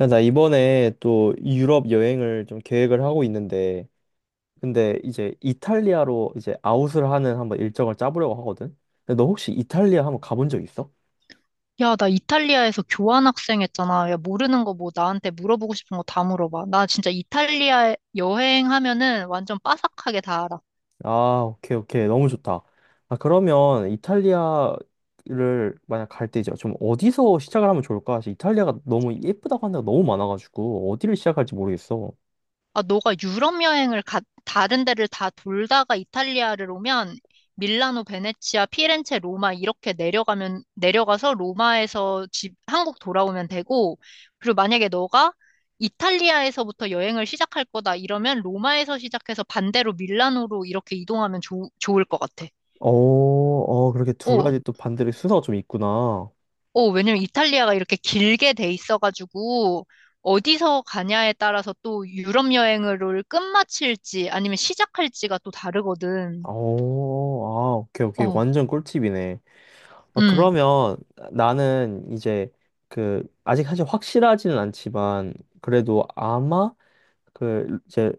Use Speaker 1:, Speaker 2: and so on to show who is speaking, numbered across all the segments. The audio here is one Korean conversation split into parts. Speaker 1: 야, 나 이번에 또 유럽 여행을 좀 계획을 하고 있는데, 근데 이제 이탈리아로 이제 아웃을 하는 한번 일정을 짜보려고 하거든? 근데 너 혹시 이탈리아 한번 가본 적 있어?
Speaker 2: 야, 나 이탈리아에서 교환학생 했잖아. 야, 모르는 거 뭐 나한테 물어보고 싶은 거 다 물어봐. 나 진짜 이탈리아 여행하면은 완전 빠삭하게 다 알아.
Speaker 1: 아, 오케이, 오케이. 너무 좋다. 아, 그러면 이탈리아를 만약 갈 때 이제 좀 어디서 시작을 하면 좋을까? 사실 이탈리아가 너무 예쁘다고 하는 데가 너무 많아가지고, 어디를 시작할지 모르겠어.
Speaker 2: 아, 너가 유럽 여행을 가, 다른 데를 다 돌다가 이탈리아를 오면 밀라노, 베네치아, 피렌체, 로마 이렇게 내려가면, 내려가서 로마에서 집, 한국 돌아오면 되고, 그리고 만약에 너가 이탈리아에서부터 여행을 시작할 거다 이러면 로마에서 시작해서 반대로 밀라노로 이렇게 이동하면 좋 좋을 것 같아.
Speaker 1: 어, 어, 그렇게 두
Speaker 2: 어,
Speaker 1: 가지 또 반대로 순서가 좀 있구나. 어,
Speaker 2: 왜냐면 이탈리아가 이렇게 길게 돼 있어가지고 어디서 가냐에 따라서 또 유럽 여행을 끝마칠지 아니면 시작할지가 또 다르거든.
Speaker 1: 아, 오케이, 오케이.
Speaker 2: 어,
Speaker 1: 완전 꿀팁이네. 아,
Speaker 2: 음,
Speaker 1: 그러면 나는 이제 그 아직 사실 확실하지는 않지만 그래도 아마 그 이제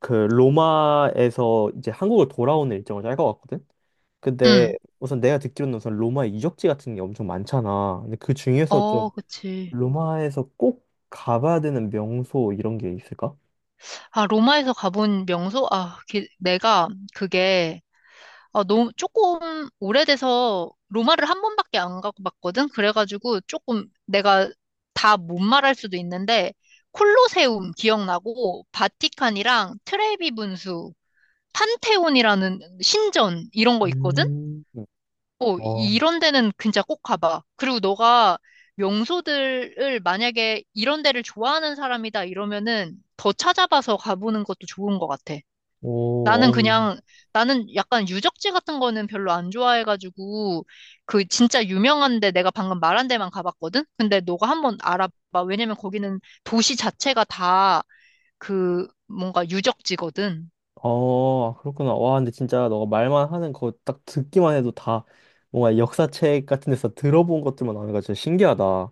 Speaker 1: 그 로마에서 이제 한국을 돌아오는 일정을 짤 것 같거든. 근데
Speaker 2: 음.
Speaker 1: 우선 내가 듣기로는 우선 로마의 유적지 같은 게 엄청 많잖아. 근데 그 중에서 좀
Speaker 2: 어, 그치.
Speaker 1: 로마에서 꼭 가봐야 되는 명소 이런 게 있을까?
Speaker 2: 아, 로마에서 가본 명소? 아, 내가 그게, 아, 너무 조금 오래돼서 로마를 한 번밖에 안 가봤거든. 그래가지고 조금 내가 다 못 말할 수도 있는데 콜로세움 기억나고 바티칸이랑 트레비 분수 판테온이라는 신전 이런 거 있거든?
Speaker 1: 응.
Speaker 2: 어,
Speaker 1: 어,
Speaker 2: 이런 데는 진짜 꼭 가봐. 그리고 너가 명소들을 만약에 이런 데를 좋아하는 사람이다 이러면은 더 찾아봐서 가보는 것도 좋은 것 같아. 나는
Speaker 1: 오,
Speaker 2: 그냥, 나는 약간 유적지 같은 거는 별로 안 좋아해가지고, 그 진짜 유명한데 내가 방금 말한 데만 가봤거든? 근데 너가 한번 알아봐. 왜냐면 거기는 도시 자체가 다 그 뭔가 유적지거든.
Speaker 1: 어, 그렇구나. 와, 근데 진짜 너가 말만 하는 거 딱 듣기만 해도 다 뭔가 역사책 같은 데서 들어본 것들만 나오니까 진짜 신기하다.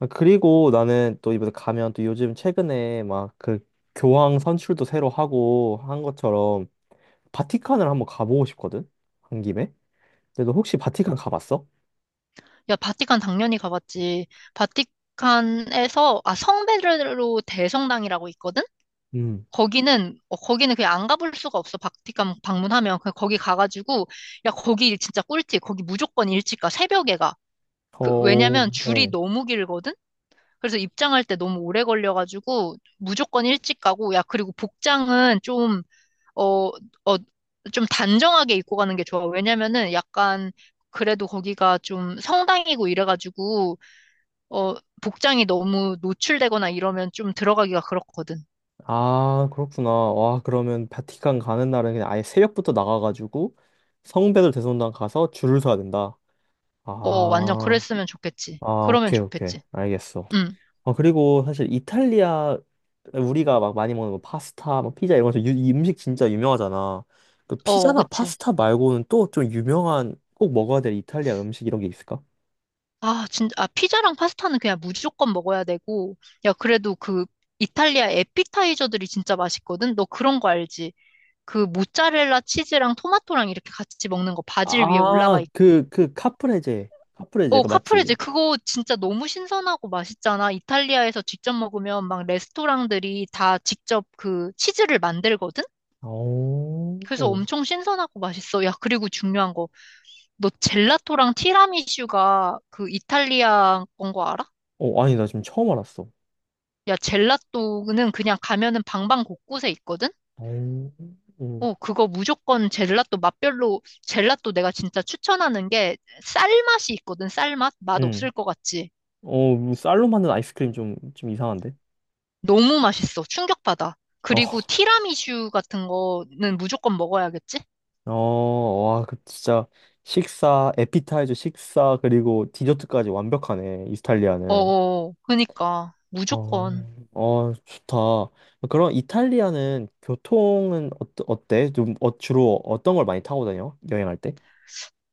Speaker 1: 아, 그리고 나는 또 이번에 가면 또 요즘 최근에 막 그 교황 선출도 새로 하고 한 것처럼 바티칸을 한번 가보고 싶거든? 한 김에? 근데 너 혹시 바티칸 가봤어?
Speaker 2: 야, 바티칸 당연히 가봤지. 바티칸에서, 아, 성베드로 대성당이라고 있거든?
Speaker 1: 음.
Speaker 2: 거기는, 어, 거기는 그냥 안 가볼 수가 없어. 바티칸 방문하면. 그냥 거기 가가지고, 야, 거기 진짜 꿀팁. 거기 무조건 일찍 가. 새벽에 가. 그,
Speaker 1: 어,
Speaker 2: 왜냐면 줄이
Speaker 1: 어.
Speaker 2: 너무 길거든? 그래서 입장할 때 너무 오래 걸려가지고, 무조건 일찍 가고, 야, 그리고 복장은 좀, 어, 어, 좀 단정하게 입고 가는 게 좋아. 왜냐면은 약간, 그래도 거기가 좀 성당이고 이래가지고, 어, 복장이 너무 노출되거나 이러면 좀 들어가기가 그렇거든.
Speaker 1: 아, 그렇구나. 와, 그러면 바티칸 가는 날은 그냥 아예 새벽부터 나가가지고 성베드로 대성당 가서 줄을 서야 된다.
Speaker 2: 어, 완전
Speaker 1: 아,
Speaker 2: 그랬으면 좋겠지.
Speaker 1: 아,
Speaker 2: 그러면
Speaker 1: 오케이, 오케이.
Speaker 2: 좋겠지.
Speaker 1: 알겠어.
Speaker 2: 응,
Speaker 1: 어, 그리고 사실 이탈리아, 우리가 막 많이 먹는 거 파스타, 뭐 피자 이런 거, 유, 이 음식 진짜 유명하잖아. 그
Speaker 2: 어,
Speaker 1: 피자나
Speaker 2: 그치.
Speaker 1: 파스타 말고는 또 좀 유명한, 꼭 먹어야 될 이탈리아 음식 이런 게 있을까?
Speaker 2: 아, 진짜, 아, 피자랑 파스타는 그냥 무조건 먹어야 되고, 야, 그래도 그 이탈리아 에피타이저들이 진짜 맛있거든? 너 그런 거 알지? 그 모짜렐라 치즈랑 토마토랑 이렇게 같이 먹는 거 바질 위에 올라가
Speaker 1: 아,
Speaker 2: 있고.
Speaker 1: 그, 그, 카프레제. 카프레제,
Speaker 2: 어,
Speaker 1: 그
Speaker 2: 카프레제
Speaker 1: 맞지?
Speaker 2: 그거 진짜 너무 신선하고 맛있잖아. 이탈리아에서 직접 먹으면 막 레스토랑들이 다 직접 그 치즈를 만들거든? 그래서
Speaker 1: 오,
Speaker 2: 엄청 신선하고 맛있어. 야, 그리고 중요한 거. 너 젤라또랑 티라미슈가 그 이탈리아 건 거 알아?
Speaker 1: 어, 아니, 나 지금 처음 알았어.
Speaker 2: 야, 젤라또는 그냥 가면은 방방 곳곳에 있거든?
Speaker 1: 오,
Speaker 2: 어, 그거 무조건 젤라또 맛별로, 젤라또 내가 진짜 추천하는 게 쌀맛이 있거든, 쌀 맛? 맛
Speaker 1: 응.
Speaker 2: 없을 것 같지?
Speaker 1: 어, 쌀로 만든 아이스크림 좀, 좀 이상한데?
Speaker 2: 너무 맛있어. 충격받아. 그리고
Speaker 1: 어,
Speaker 2: 티라미슈 같은 거는 무조건 먹어야겠지?
Speaker 1: 어, 와, 그 진짜 식사, 에피타이저 식사, 그리고 디저트까지 완벽하네, 이탈리아는.
Speaker 2: 어어, 그니까.
Speaker 1: 어,
Speaker 2: 무조건.
Speaker 1: 어, 좋다. 그럼 이탈리아는 교통은 어, 어때? 좀 어, 주로 어떤 걸 많이 타고 다녀? 여행할 때?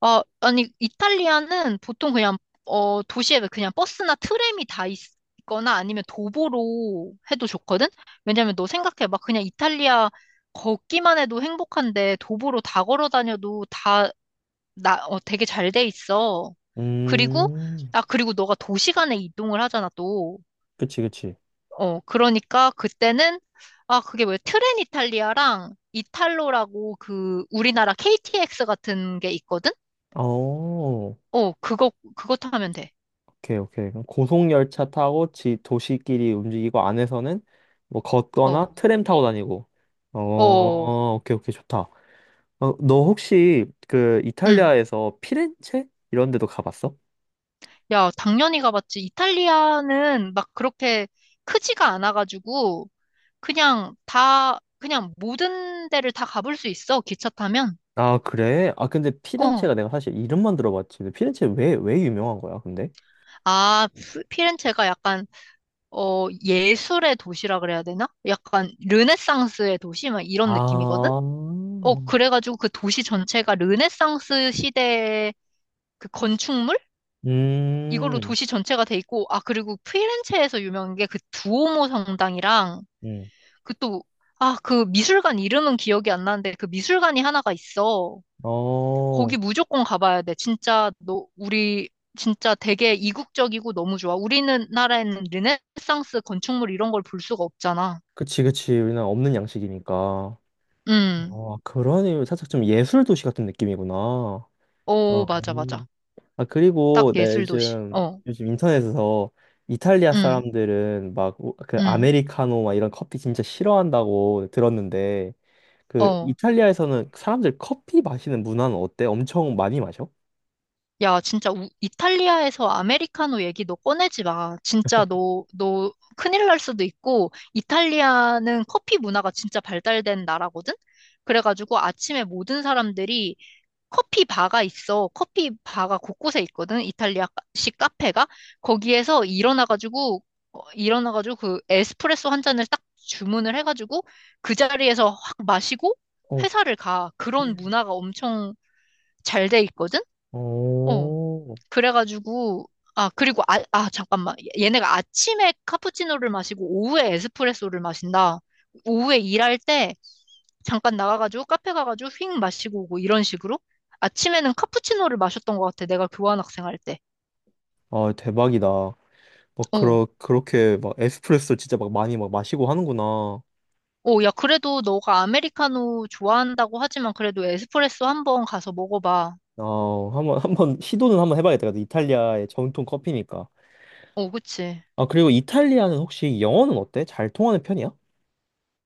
Speaker 2: 어, 아니, 이탈리아는 보통 그냥, 도시에 그냥 버스나 트램이 다 있, 거나 아니면 도보로 해도 좋거든? 왜냐면 너 생각해. 막 그냥 이탈리아 걷기만 해도 행복한데 도보로 다 걸어 다녀도 다, 나, 되게 잘 돼 있어. 그리고,
Speaker 1: 음,
Speaker 2: 그리고 너가 도시 간에 이동을 하잖아, 또.
Speaker 1: 그치, 그치.
Speaker 2: 어, 그러니까 그때는, 아, 그게 뭐야. 트렌 이탈리아랑 이탈로라고 그 우리나라 KTX 같은 게 있거든?
Speaker 1: 어, 오케이,
Speaker 2: 어, 그거 타면 돼.
Speaker 1: 오케이. 그럼 고속열차 타고 지, 도시끼리 움직이고 안에서는 뭐
Speaker 2: 어,
Speaker 1: 걷거나 트램 타고 다니고.
Speaker 2: 어,
Speaker 1: 어, 오케이, 오케이, 좋다. 어, 너 혹시 그
Speaker 2: 응.
Speaker 1: 이탈리아에서 피렌체 이런 데도 가봤어?
Speaker 2: 야, 당연히 가봤지. 이탈리아는 막 그렇게 크지가 않아가지고, 그냥 다, 그냥 모든 데를 다 가볼 수 있어, 기차 타면.
Speaker 1: 아, 그래? 아, 근데
Speaker 2: 어.
Speaker 1: 피렌체가 내가 사실 이름만 들어봤지. 근데 피렌체 왜, 왜 유명한 거야, 근데?
Speaker 2: 아, 피렌체가 약간, 예술의 도시라 그래야 되나? 약간, 르네상스의 도시? 막 이런 느낌이거든?
Speaker 1: 아,
Speaker 2: 어, 그래가지고 그 도시 전체가 르네상스 시대의 그 건축물? 이걸로
Speaker 1: 음,
Speaker 2: 도시 전체가 돼 있고, 아, 그리고 피렌체에서 유명한 게 그 두오모 성당이랑,
Speaker 1: 음,
Speaker 2: 그 또, 아, 그 미술관 이름은 기억이 안 나는데, 그 미술관이 하나가 있어.
Speaker 1: 어,
Speaker 2: 거기 무조건 가봐야 돼. 진짜, 너, 우리, 진짜 되게 이국적이고 너무 좋아. 우리나라에는 르네상스 건축물 이런 걸 볼 수가 없잖아.
Speaker 1: 그치, 그치. 우리는 없는 양식이니까.
Speaker 2: 음,
Speaker 1: 어, 그러니 살짝 좀 예술 도시 같은 느낌이구나. 어,
Speaker 2: 오, 맞아, 맞아.
Speaker 1: 아,
Speaker 2: 딱
Speaker 1: 그리고 내
Speaker 2: 예술 도시.
Speaker 1: 요즘,
Speaker 2: 어,
Speaker 1: 요즘 인터넷에서 이탈리아
Speaker 2: 음,
Speaker 1: 사람들은 막 그
Speaker 2: 음,
Speaker 1: 아메리카노 막 이런 커피 진짜 싫어한다고 들었는데 그
Speaker 2: 어.
Speaker 1: 이탈리아에서는 사람들 커피 마시는 문화는 어때? 엄청 많이 마셔?
Speaker 2: 야, 진짜 이탈리아에서 아메리카노 얘기 너 꺼내지 마. 진짜 너 큰일 날 수도 있고, 이탈리아는 커피 문화가 진짜 발달된 나라거든? 그래가지고 아침에 모든 사람들이 커피 바가 있어. 커피 바가 곳곳에 있거든? 이탈리아식 카페가? 거기에서 일어나가지고 그 에스프레소 한 잔을 딱 주문을 해가지고 그 자리에서 확 마시고
Speaker 1: 어,
Speaker 2: 회사를 가. 그런 문화가 엄청 잘 돼 있거든? 어.
Speaker 1: 오,
Speaker 2: 그래가지고, 아, 그리고, 아, 아, 잠깐만. 얘네가 아침에 카푸치노를 마시고 오후에 에스프레소를 마신다. 오후에 일할 때 잠깐 나가가지고 카페 가가지고 휙 마시고 오고 이런 식으로? 아침에는 카푸치노를 마셨던 것 같아. 내가 교환학생 할 때.
Speaker 1: 아, 대박이다. 막
Speaker 2: 오.
Speaker 1: 그러, 그렇게 막 에스프레소 진짜 막 많이 막 마시고 하는구나.
Speaker 2: 오, 야, 그래도 너가 아메리카노 좋아한다고 하지만 그래도 에스프레소 한번 가서 먹어봐.
Speaker 1: 아, 한번 시도는 한번 해봐야겠다. 이탈리아의 전통 커피니까.
Speaker 2: 오, 그치.
Speaker 1: 아, 그리고 이탈리아는 혹시 영어는 어때? 잘 통하는 편이야?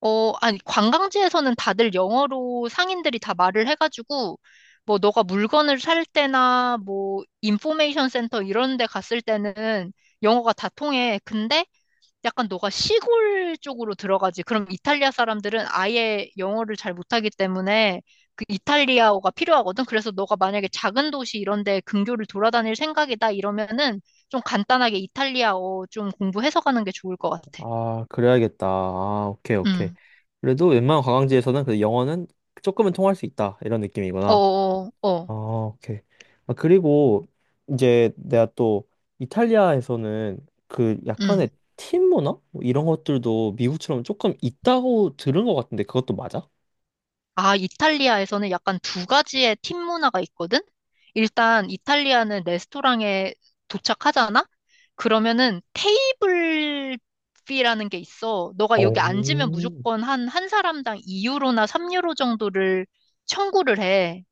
Speaker 2: 어, 아니, 관광지에서는 다들 영어로 상인들이 다 말을 해가지고, 뭐, 너가 물건을 살 때나, 뭐, 인포메이션 센터 이런 데 갔을 때는 영어가 다 통해. 근데 약간 너가 시골 쪽으로 들어가지. 그럼 이탈리아 사람들은 아예 영어를 잘 못하기 때문에 그 이탈리아어가 필요하거든. 그래서 너가 만약에 작은 도시 이런 데 근교를 돌아다닐 생각이다 이러면은 좀 간단하게 이탈리아어 좀 공부해서 가는 게 좋을 것 같아.
Speaker 1: 아, 그래야겠다. 아, 오케이, 오케이.
Speaker 2: 음.
Speaker 1: 그래도 웬만한 관광지에서는 그 영어는 조금은 통할 수 있다. 이런 느낌이구나.
Speaker 2: 어어어. 어. 어, 어.
Speaker 1: 아, 오케이. 아, 그리고 이제 내가 또 이탈리아에서는 그
Speaker 2: 음.
Speaker 1: 약간의 팀 문화? 뭐 이런 것들도 미국처럼 조금 있다고 들은 것 같은데 그것도 맞아?
Speaker 2: 아, 이탈리아에서는 약간 두 가지의 팀 문화가 있거든? 일단 이탈리아는 레스토랑에 도착하잖아? 그러면은 테이블비라는 게 있어. 너가 여기 앉으면
Speaker 1: 오,
Speaker 2: 무조건 한 사람당 2유로나 3유로 정도를 청구를 해.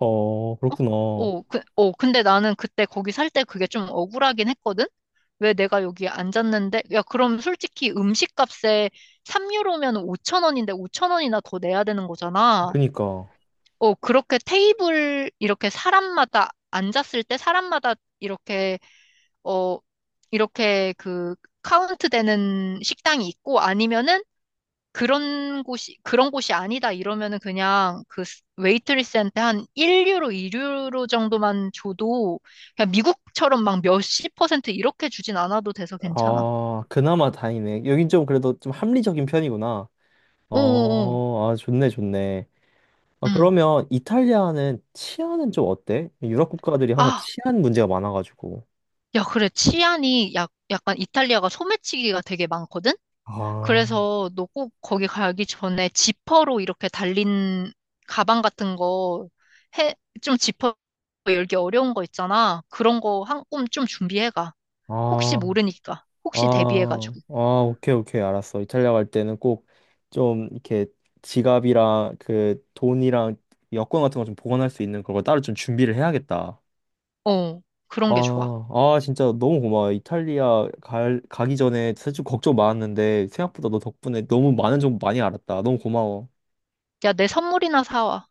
Speaker 1: 어,
Speaker 2: 어?
Speaker 1: 그렇구나.
Speaker 2: 그, 근데 나는 그때 거기 살 때 그게 좀 억울하긴 했거든? 왜 내가 여기 앉았는데? 야, 그럼 솔직히 음식값에 3유로면 5천 원인데 5천 원이나 더 내야 되는 거잖아.
Speaker 1: 그니까.
Speaker 2: 어, 그렇게 테이블, 이렇게 사람마다, 앉았을 때 사람마다 이렇게, 어, 이렇게 그 카운트 되는 식당이 있고 아니면은 그런 곳이 아니다 이러면은 그냥 그 웨이트리스한테 한 1유로, 2유로 정도만 줘도 그냥 미국처럼 막 몇십 퍼센트 이렇게 주진 않아도 돼서 괜찮아.
Speaker 1: 아, 그나마 다행이네. 여긴 좀 그래도 좀 합리적인 편이구나.
Speaker 2: 오오오.
Speaker 1: 어, 아, 좋네, 좋네. 아,
Speaker 2: 응.
Speaker 1: 그러면 이탈리아는 치안은 좀 어때? 유럽 국가들이 항상
Speaker 2: 아,
Speaker 1: 치안 문제가 많아가지고.
Speaker 2: 야, 그래. 치안이 약간 이탈리아가 소매치기가 되게 많거든?
Speaker 1: 아,
Speaker 2: 그래서 너 꼭 거기 가기 전에 지퍼로 이렇게 달린 가방 같은 거 해, 좀 지퍼 열기 어려운 거 있잖아. 그런 거 한 꼼 좀 준비해가. 혹시
Speaker 1: 아,
Speaker 2: 모르니까.
Speaker 1: 아,
Speaker 2: 혹시 대비해가지고.
Speaker 1: 아, 오케이, 오케이, 알았어. 이탈리아 갈 때는 꼭 좀 이렇게 지갑이랑 그 돈이랑 여권 같은 거 좀 보관할 수 있는 그걸 따로 좀 준비를 해야겠다.
Speaker 2: 어, 그런 게 좋아.
Speaker 1: 아, 아, 진짜 너무 고마워. 이탈리아 갈, 가기 전에 사실 좀 걱정 많았는데 생각보다 너 덕분에 너무 많은 정보 많이 알았다. 너무 고마워.
Speaker 2: 야, 내 선물이나 사와.